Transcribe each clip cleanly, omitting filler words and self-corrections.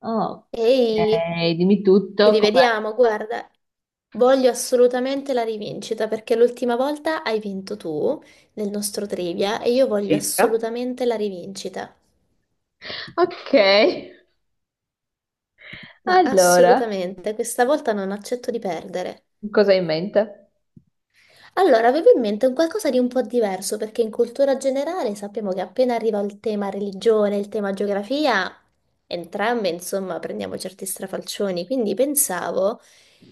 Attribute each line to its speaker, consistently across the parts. Speaker 1: Ok,
Speaker 2: Ehi,
Speaker 1: dimmi
Speaker 2: ci
Speaker 1: tutto. Com'è.
Speaker 2: rivediamo, guarda, voglio assolutamente la rivincita perché l'ultima volta hai vinto tu nel nostro trivia e io voglio assolutamente la rivincita,
Speaker 1: Ok,
Speaker 2: ma
Speaker 1: allora,
Speaker 2: assolutamente, questa volta non accetto di perdere.
Speaker 1: cosa hai in mente?
Speaker 2: Allora, avevo in mente un qualcosa di un po' diverso, perché in cultura generale sappiamo che appena arriva il tema religione, il tema geografia, entrambe, insomma, prendiamo certi strafalcioni. Quindi pensavo,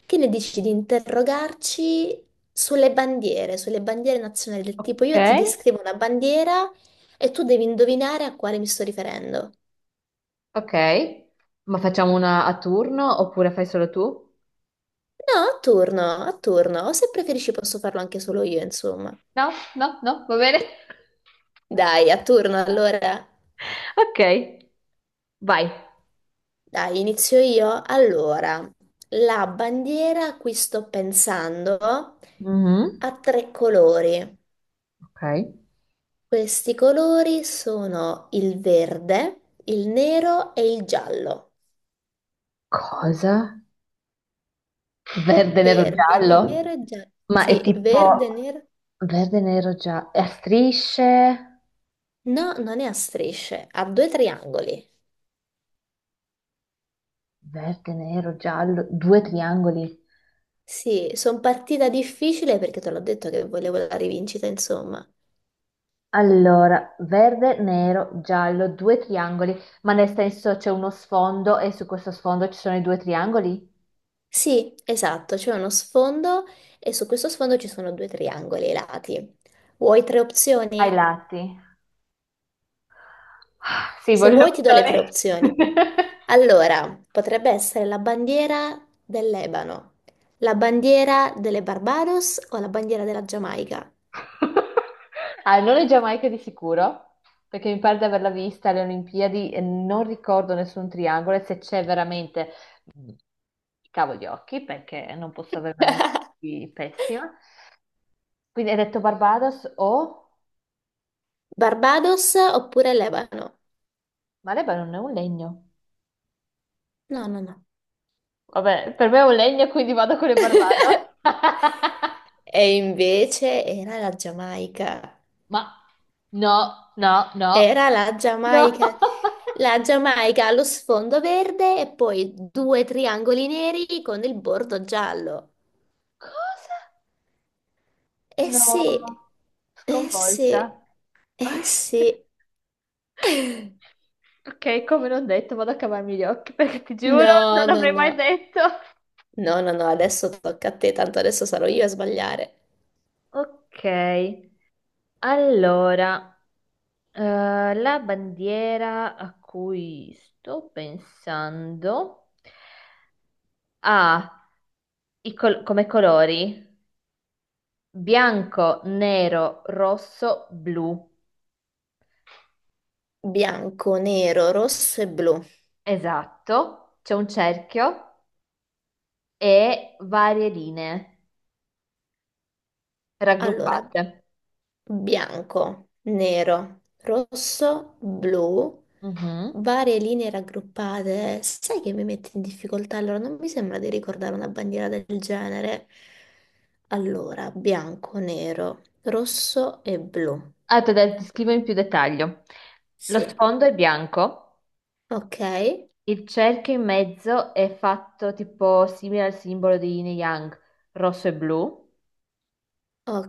Speaker 2: che ne dici di interrogarci sulle bandiere nazionali, del tipo
Speaker 1: Ok.
Speaker 2: io ti descrivo una bandiera e tu devi indovinare a quale mi sto riferendo.
Speaker 1: Ok, ma facciamo una a turno oppure fai solo tu?
Speaker 2: No, a turno, o se preferisci posso farlo anche solo io, insomma.
Speaker 1: No, no, no, va bene.
Speaker 2: Dai, a turno allora.
Speaker 1: Ok, vai.
Speaker 2: Dai, inizio io. Allora, la bandiera a cui sto pensando
Speaker 1: Mhm.
Speaker 2: ha tre colori.
Speaker 1: Ok.
Speaker 2: Questi colori sono il verde, il nero e il giallo.
Speaker 1: Cosa? Verde, nero,
Speaker 2: Verde, nero
Speaker 1: giallo?
Speaker 2: e giallo.
Speaker 1: Ma è
Speaker 2: Sì,
Speaker 1: tipo
Speaker 2: verde, nero.
Speaker 1: verde, nero, giallo, a strisce,
Speaker 2: No, non è a strisce, ha due triangoli.
Speaker 1: verde, nero, giallo, due triangoli.
Speaker 2: Sì, sono partita difficile perché te l'ho detto che volevo la rivincita, insomma.
Speaker 1: Allora, verde, nero, giallo, due triangoli, ma nel senso c'è uno sfondo e su questo sfondo ci sono i due triangoli?
Speaker 2: Sì, esatto, c'è uno sfondo e su questo sfondo ci sono due triangoli ai lati. Vuoi tre
Speaker 1: Ai
Speaker 2: opzioni?
Speaker 1: lati. Ah, sì,
Speaker 2: Se
Speaker 1: voglio le
Speaker 2: vuoi ti do le tre
Speaker 1: opzioni.
Speaker 2: opzioni. Allora, potrebbe essere la bandiera del Lebano, la bandiera delle Barbados o la bandiera della Giamaica.
Speaker 1: Ah, non è Giamaica di sicuro, perché mi pare di averla vista alle Olimpiadi e non ricordo nessun triangolo, e se c'è veramente, mm, cavo gli occhi, perché non posso avere una memoria così pessima. Quindi hai detto Barbados o...
Speaker 2: Barbados oppure Lebano?
Speaker 1: Ma Lebanon è un legno.
Speaker 2: No, no, no.
Speaker 1: Vabbè, per me è un legno, quindi vado con le Barbados.
Speaker 2: E invece era la Giamaica.
Speaker 1: Ma no, no, no.
Speaker 2: Era
Speaker 1: No.
Speaker 2: La Giamaica allo sfondo verde e poi due triangoli neri con il bordo giallo.
Speaker 1: Cosa?
Speaker 2: Eh
Speaker 1: No.
Speaker 2: sì, eh sì,
Speaker 1: Sconvolta.
Speaker 2: eh
Speaker 1: Ok.
Speaker 2: sì.
Speaker 1: Ok, come non detto, vado a cavarmi gli occhi perché ti giuro, non
Speaker 2: No, no,
Speaker 1: l'avrei mai
Speaker 2: no,
Speaker 1: detto.
Speaker 2: no, no, no, adesso tocca a te, tanto adesso sarò io a sbagliare.
Speaker 1: Ok, allora, la bandiera a cui sto pensando ha come colori? Bianco, nero, rosso, blu.
Speaker 2: Bianco, nero, rosso e blu.
Speaker 1: Esatto. C'è un cerchio e varie linee
Speaker 2: Allora,
Speaker 1: raggruppate.
Speaker 2: bianco, nero, rosso, blu,
Speaker 1: Mhm.
Speaker 2: varie linee raggruppate. Sai che mi metti in difficoltà? Allora, non mi sembra di ricordare una bandiera del genere. Allora, bianco, nero, rosso e blu.
Speaker 1: Allora, te la descrivo in più dettaglio. Lo
Speaker 2: Sì,
Speaker 1: sfondo è bianco,
Speaker 2: ok,
Speaker 1: il cerchio in mezzo è fatto tipo simile al simbolo di Yin e Yang, rosso e blu.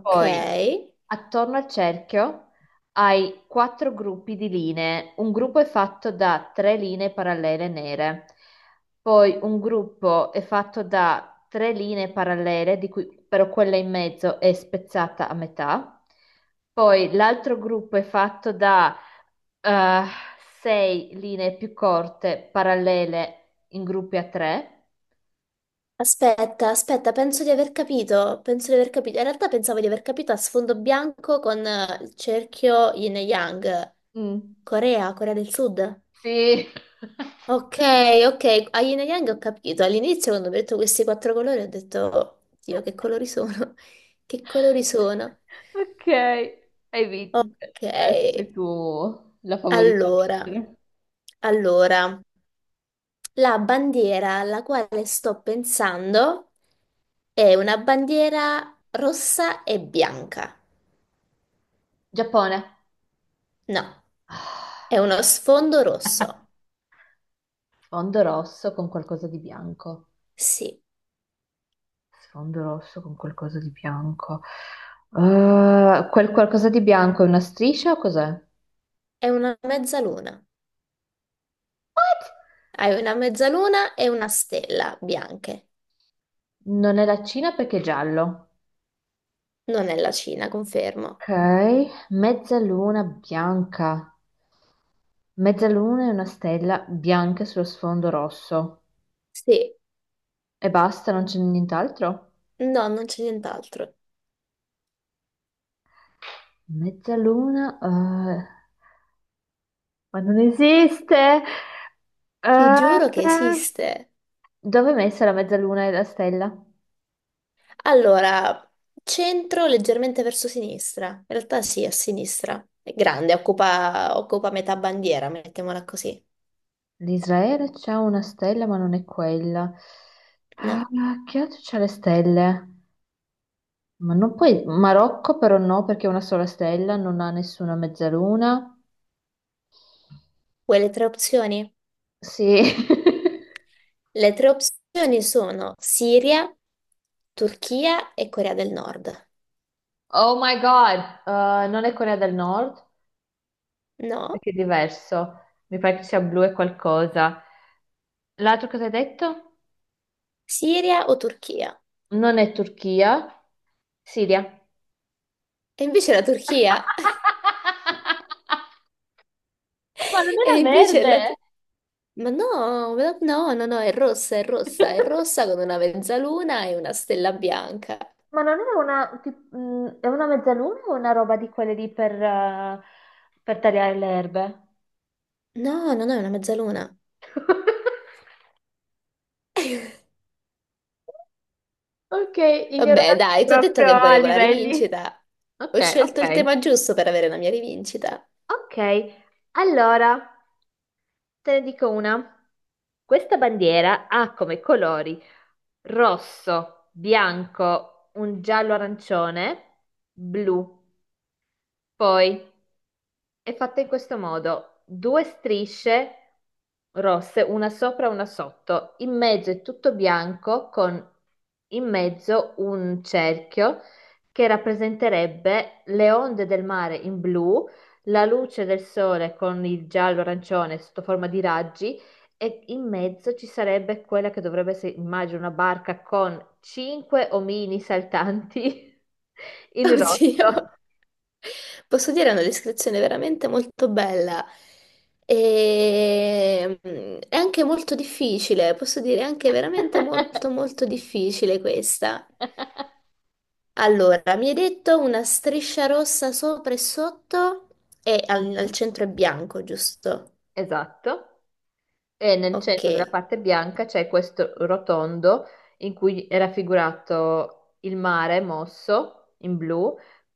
Speaker 1: Poi. Attorno al cerchio hai quattro gruppi di linee. Un gruppo è fatto da tre linee parallele nere, poi un gruppo è fatto da tre linee parallele, di cui però quella in mezzo è spezzata a metà, poi l'altro gruppo è fatto da eh, sei linee più corte parallele in gruppi a tre.
Speaker 2: Aspetta, aspetta, penso di aver capito, penso di aver capito. In realtà pensavo di aver capito a sfondo bianco con il cerchio yin e yang.
Speaker 1: Mm.
Speaker 2: Corea, Corea del Sud.
Speaker 1: Sì.
Speaker 2: Ok, ok, a Yin e Yang ho capito. All'inizio quando ho detto questi quattro colori ho detto, "Oh, Dio, che colori sono? Che colori sono?"
Speaker 1: Ok, hai vinto.
Speaker 2: Ok,
Speaker 1: Adesso sei tu la favorita a
Speaker 2: allora,
Speaker 1: vincere.
Speaker 2: allora, la bandiera alla quale sto pensando è una bandiera rossa e bianca.
Speaker 1: Giappone.
Speaker 2: No, è uno sfondo rosso.
Speaker 1: Sfondo rosso con qualcosa di bianco.
Speaker 2: Sì,
Speaker 1: Sfondo rosso con qualcosa di bianco. Quel qualcosa di bianco è una striscia o cos'è?
Speaker 2: è una mezzaluna.
Speaker 1: What?
Speaker 2: Hai una mezzaluna e una stella bianche.
Speaker 1: Non è la Cina perché è giallo.
Speaker 2: Non è la Cina, confermo.
Speaker 1: Ok, mezzaluna bianca. Mezzaluna è una stella bianca sullo sfondo rosso.
Speaker 2: Sì,
Speaker 1: E basta, non c'è nient'altro?
Speaker 2: no, non c'è nient'altro.
Speaker 1: Mezzaluna, ma non esiste.
Speaker 2: Ti
Speaker 1: Eh,
Speaker 2: giuro che esiste.
Speaker 1: dove è messa la mezzaluna e la stella?
Speaker 2: Allora, centro leggermente verso sinistra. In realtà sì, a sinistra. È grande, occupa metà bandiera, mettiamola così.
Speaker 1: L'Israele c'ha una stella, ma non è quella. Ah,
Speaker 2: No.
Speaker 1: che altro c'ha le stelle? Ma non puoi... Marocco però no, perché è una sola stella, non ha nessuna mezzaluna.
Speaker 2: Vuoi le tre opzioni?
Speaker 1: Sì.
Speaker 2: Le tre opzioni sono Siria, Turchia e Corea del Nord.
Speaker 1: Oh my God. Non è Corea del Nord,
Speaker 2: No?
Speaker 1: perché è diverso. Mi pare che sia blu e qualcosa. L'altro cosa hai detto?
Speaker 2: Siria o Turchia?
Speaker 1: Non è Turchia, Siria.
Speaker 2: E invece la Turchia.
Speaker 1: Ma non
Speaker 2: E
Speaker 1: era
Speaker 2: invece la...
Speaker 1: verde?
Speaker 2: Ma no, no, no, è rossa, è rossa, è rossa con una mezzaluna e una stella bianca.
Speaker 1: Ma non è una, è una mezzaluna o una roba di quelle lì per tagliare le erbe?
Speaker 2: No, no, no, è una mezzaluna.
Speaker 1: Ok,
Speaker 2: Vabbè,
Speaker 1: ignorato
Speaker 2: dai, ti ho detto
Speaker 1: proprio
Speaker 2: che
Speaker 1: a
Speaker 2: volevo la
Speaker 1: livelli.
Speaker 2: rivincita.
Speaker 1: Ok,
Speaker 2: Ho scelto il
Speaker 1: ok.
Speaker 2: tema giusto per avere la mia rivincita.
Speaker 1: Ok, allora. Te ne dico una. Questa bandiera ha come colori rosso, bianco, un giallo arancione, blu. Poi. È fatta in questo modo: due strisce rosse, una sopra e una sotto, in mezzo è tutto bianco con in mezzo un cerchio che rappresenterebbe le onde del mare in blu, la luce del sole con il giallo-arancione sotto forma di raggi e in mezzo ci sarebbe quella che dovrebbe essere, immagino, una barca con cinque omini saltanti in
Speaker 2: Oddio.
Speaker 1: rosso.
Speaker 2: Posso dire, è una descrizione veramente molto bella. È anche molto difficile, posso dire, è anche veramente molto, molto difficile questa. Allora, mi hai detto una striscia rossa sopra e sotto e al centro è bianco, giusto?
Speaker 1: Esatto, e nel
Speaker 2: Ok.
Speaker 1: centro della parte bianca c'è questo rotondo in cui è raffigurato il mare mosso in blu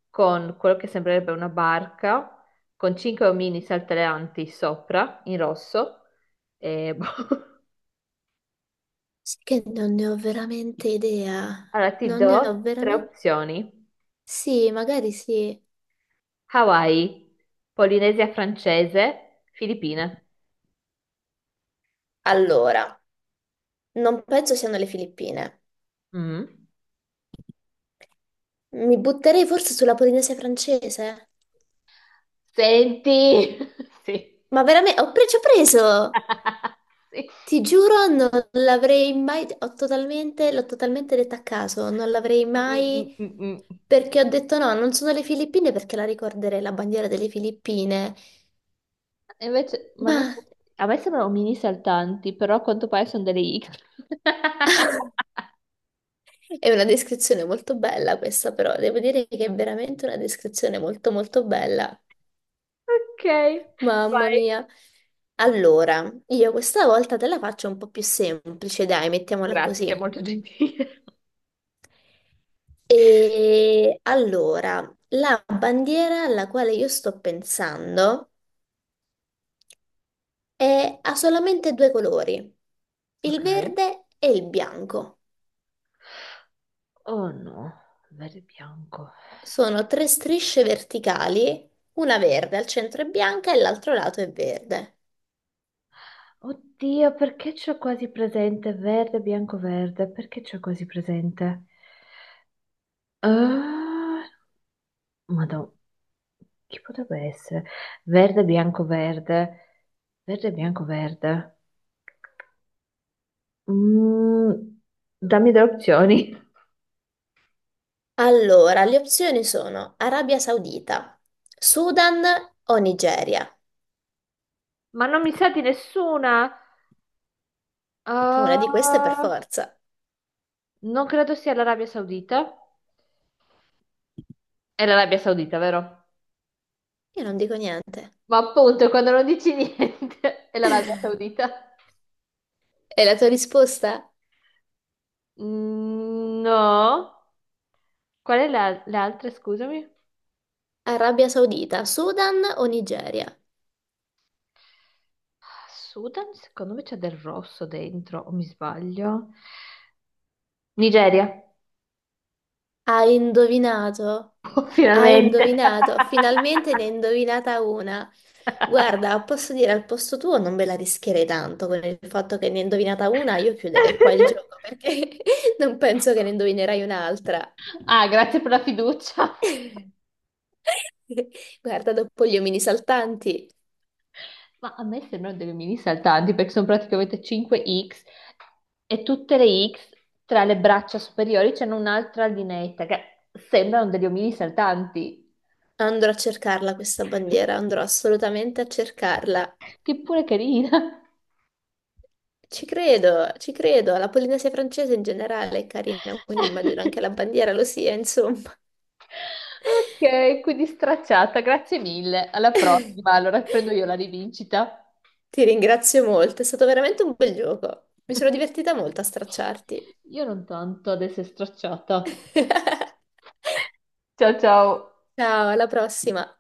Speaker 1: con quello che sembrerebbe una barca con cinque omini saltellanti sopra in rosso. E... boh.
Speaker 2: Sì che non ne ho veramente idea.
Speaker 1: Allora ti
Speaker 2: Non ne ho
Speaker 1: do tre
Speaker 2: veramente...
Speaker 1: opzioni:
Speaker 2: Sì, magari sì.
Speaker 1: Hawaii, Polinesia francese, Filippine.
Speaker 2: Allora, non penso siano le Filippine.
Speaker 1: Mm.
Speaker 2: Mi butterei forse sulla Polinesia francese.
Speaker 1: Senti, sì.
Speaker 2: Ma veramente. Ci ho preso!
Speaker 1: Sì.
Speaker 2: Ti giuro, non l'avrei mai, ho totalmente, l'ho totalmente detta a caso, non l'avrei
Speaker 1: Mm, mm,
Speaker 2: mai,
Speaker 1: mm, mm.
Speaker 2: perché ho detto no, non sono le Filippine perché la ricorderei la bandiera delle Filippine,
Speaker 1: E invece, ma
Speaker 2: ma
Speaker 1: non so, a me sembrano mini saltanti, però a quanto pare sono delle iche.
Speaker 2: è una descrizione molto bella questa però, devo dire che è veramente una descrizione molto molto bella,
Speaker 1: Ok,
Speaker 2: mamma
Speaker 1: vai.
Speaker 2: mia. Allora, io questa volta te la faccio un po' più semplice, dai, mettiamola
Speaker 1: Grazie,
Speaker 2: così.
Speaker 1: molto gentile.
Speaker 2: E allora, la bandiera alla quale io sto pensando e ha solamente due colori, il
Speaker 1: Ok.
Speaker 2: verde e il bianco.
Speaker 1: Oh no, verde e bianco.
Speaker 2: Sono tre strisce verticali, una verde al centro è bianca e l'altro lato è verde.
Speaker 1: Oddio, perché c'ho quasi presente verde, bianco, verde? Perché c'ho quasi presente? Ah, Madonna, chi potrebbe essere? Verde, bianco, verde. Verde, bianco, verde. Mm, dammi delle opzioni.
Speaker 2: Allora, le opzioni sono Arabia Saudita, Sudan o Nigeria.
Speaker 1: Ma non mi sa di nessuna.
Speaker 2: E una di queste per
Speaker 1: Ah,
Speaker 2: forza.
Speaker 1: non credo sia l'Arabia Saudita. È l'Arabia Saudita, vero?
Speaker 2: Io non dico niente.
Speaker 1: Ma appunto, quando non dici niente, è l'Arabia Saudita.
Speaker 2: E la tua risposta?
Speaker 1: Mm, no. Qual è la, le altre, scusami?
Speaker 2: Arabia Saudita, Sudan o Nigeria?
Speaker 1: Sudan, secondo me c'è del rosso dentro, o mi sbaglio? Nigeria.
Speaker 2: Hai indovinato?
Speaker 1: Oh,
Speaker 2: Hai
Speaker 1: finalmente.
Speaker 2: indovinato? Finalmente ne hai indovinata una. Guarda, posso dire al posto tuo non me la rischierei tanto con il fatto che ne hai indovinata una, io chiuderei qua il gioco perché non penso che ne indovinerai un'altra.
Speaker 1: Ah, grazie per la fiducia.
Speaker 2: Guarda, dopo gli omini saltanti
Speaker 1: Ma a me sembrano delle mini saltanti perché sono praticamente 5 X, e tutte le X tra le braccia superiori c'hanno un'altra lineetta che sembrano degli omini saltanti,
Speaker 2: andrò a cercarla questa bandiera, andrò assolutamente a cercarla.
Speaker 1: che pure carina.
Speaker 2: Ci credo, ci credo. La Polinesia francese in generale è carina, quindi immagino anche la bandiera lo sia, insomma.
Speaker 1: Ok, quindi stracciata, grazie mille. Alla prossima, allora prendo io la rivincita.
Speaker 2: Ti ringrazio molto, è stato veramente un bel gioco. Mi sono divertita molto a stracciarti.
Speaker 1: Io non tanto adesso è stracciata. Ciao ciao.
Speaker 2: Ciao, alla prossima.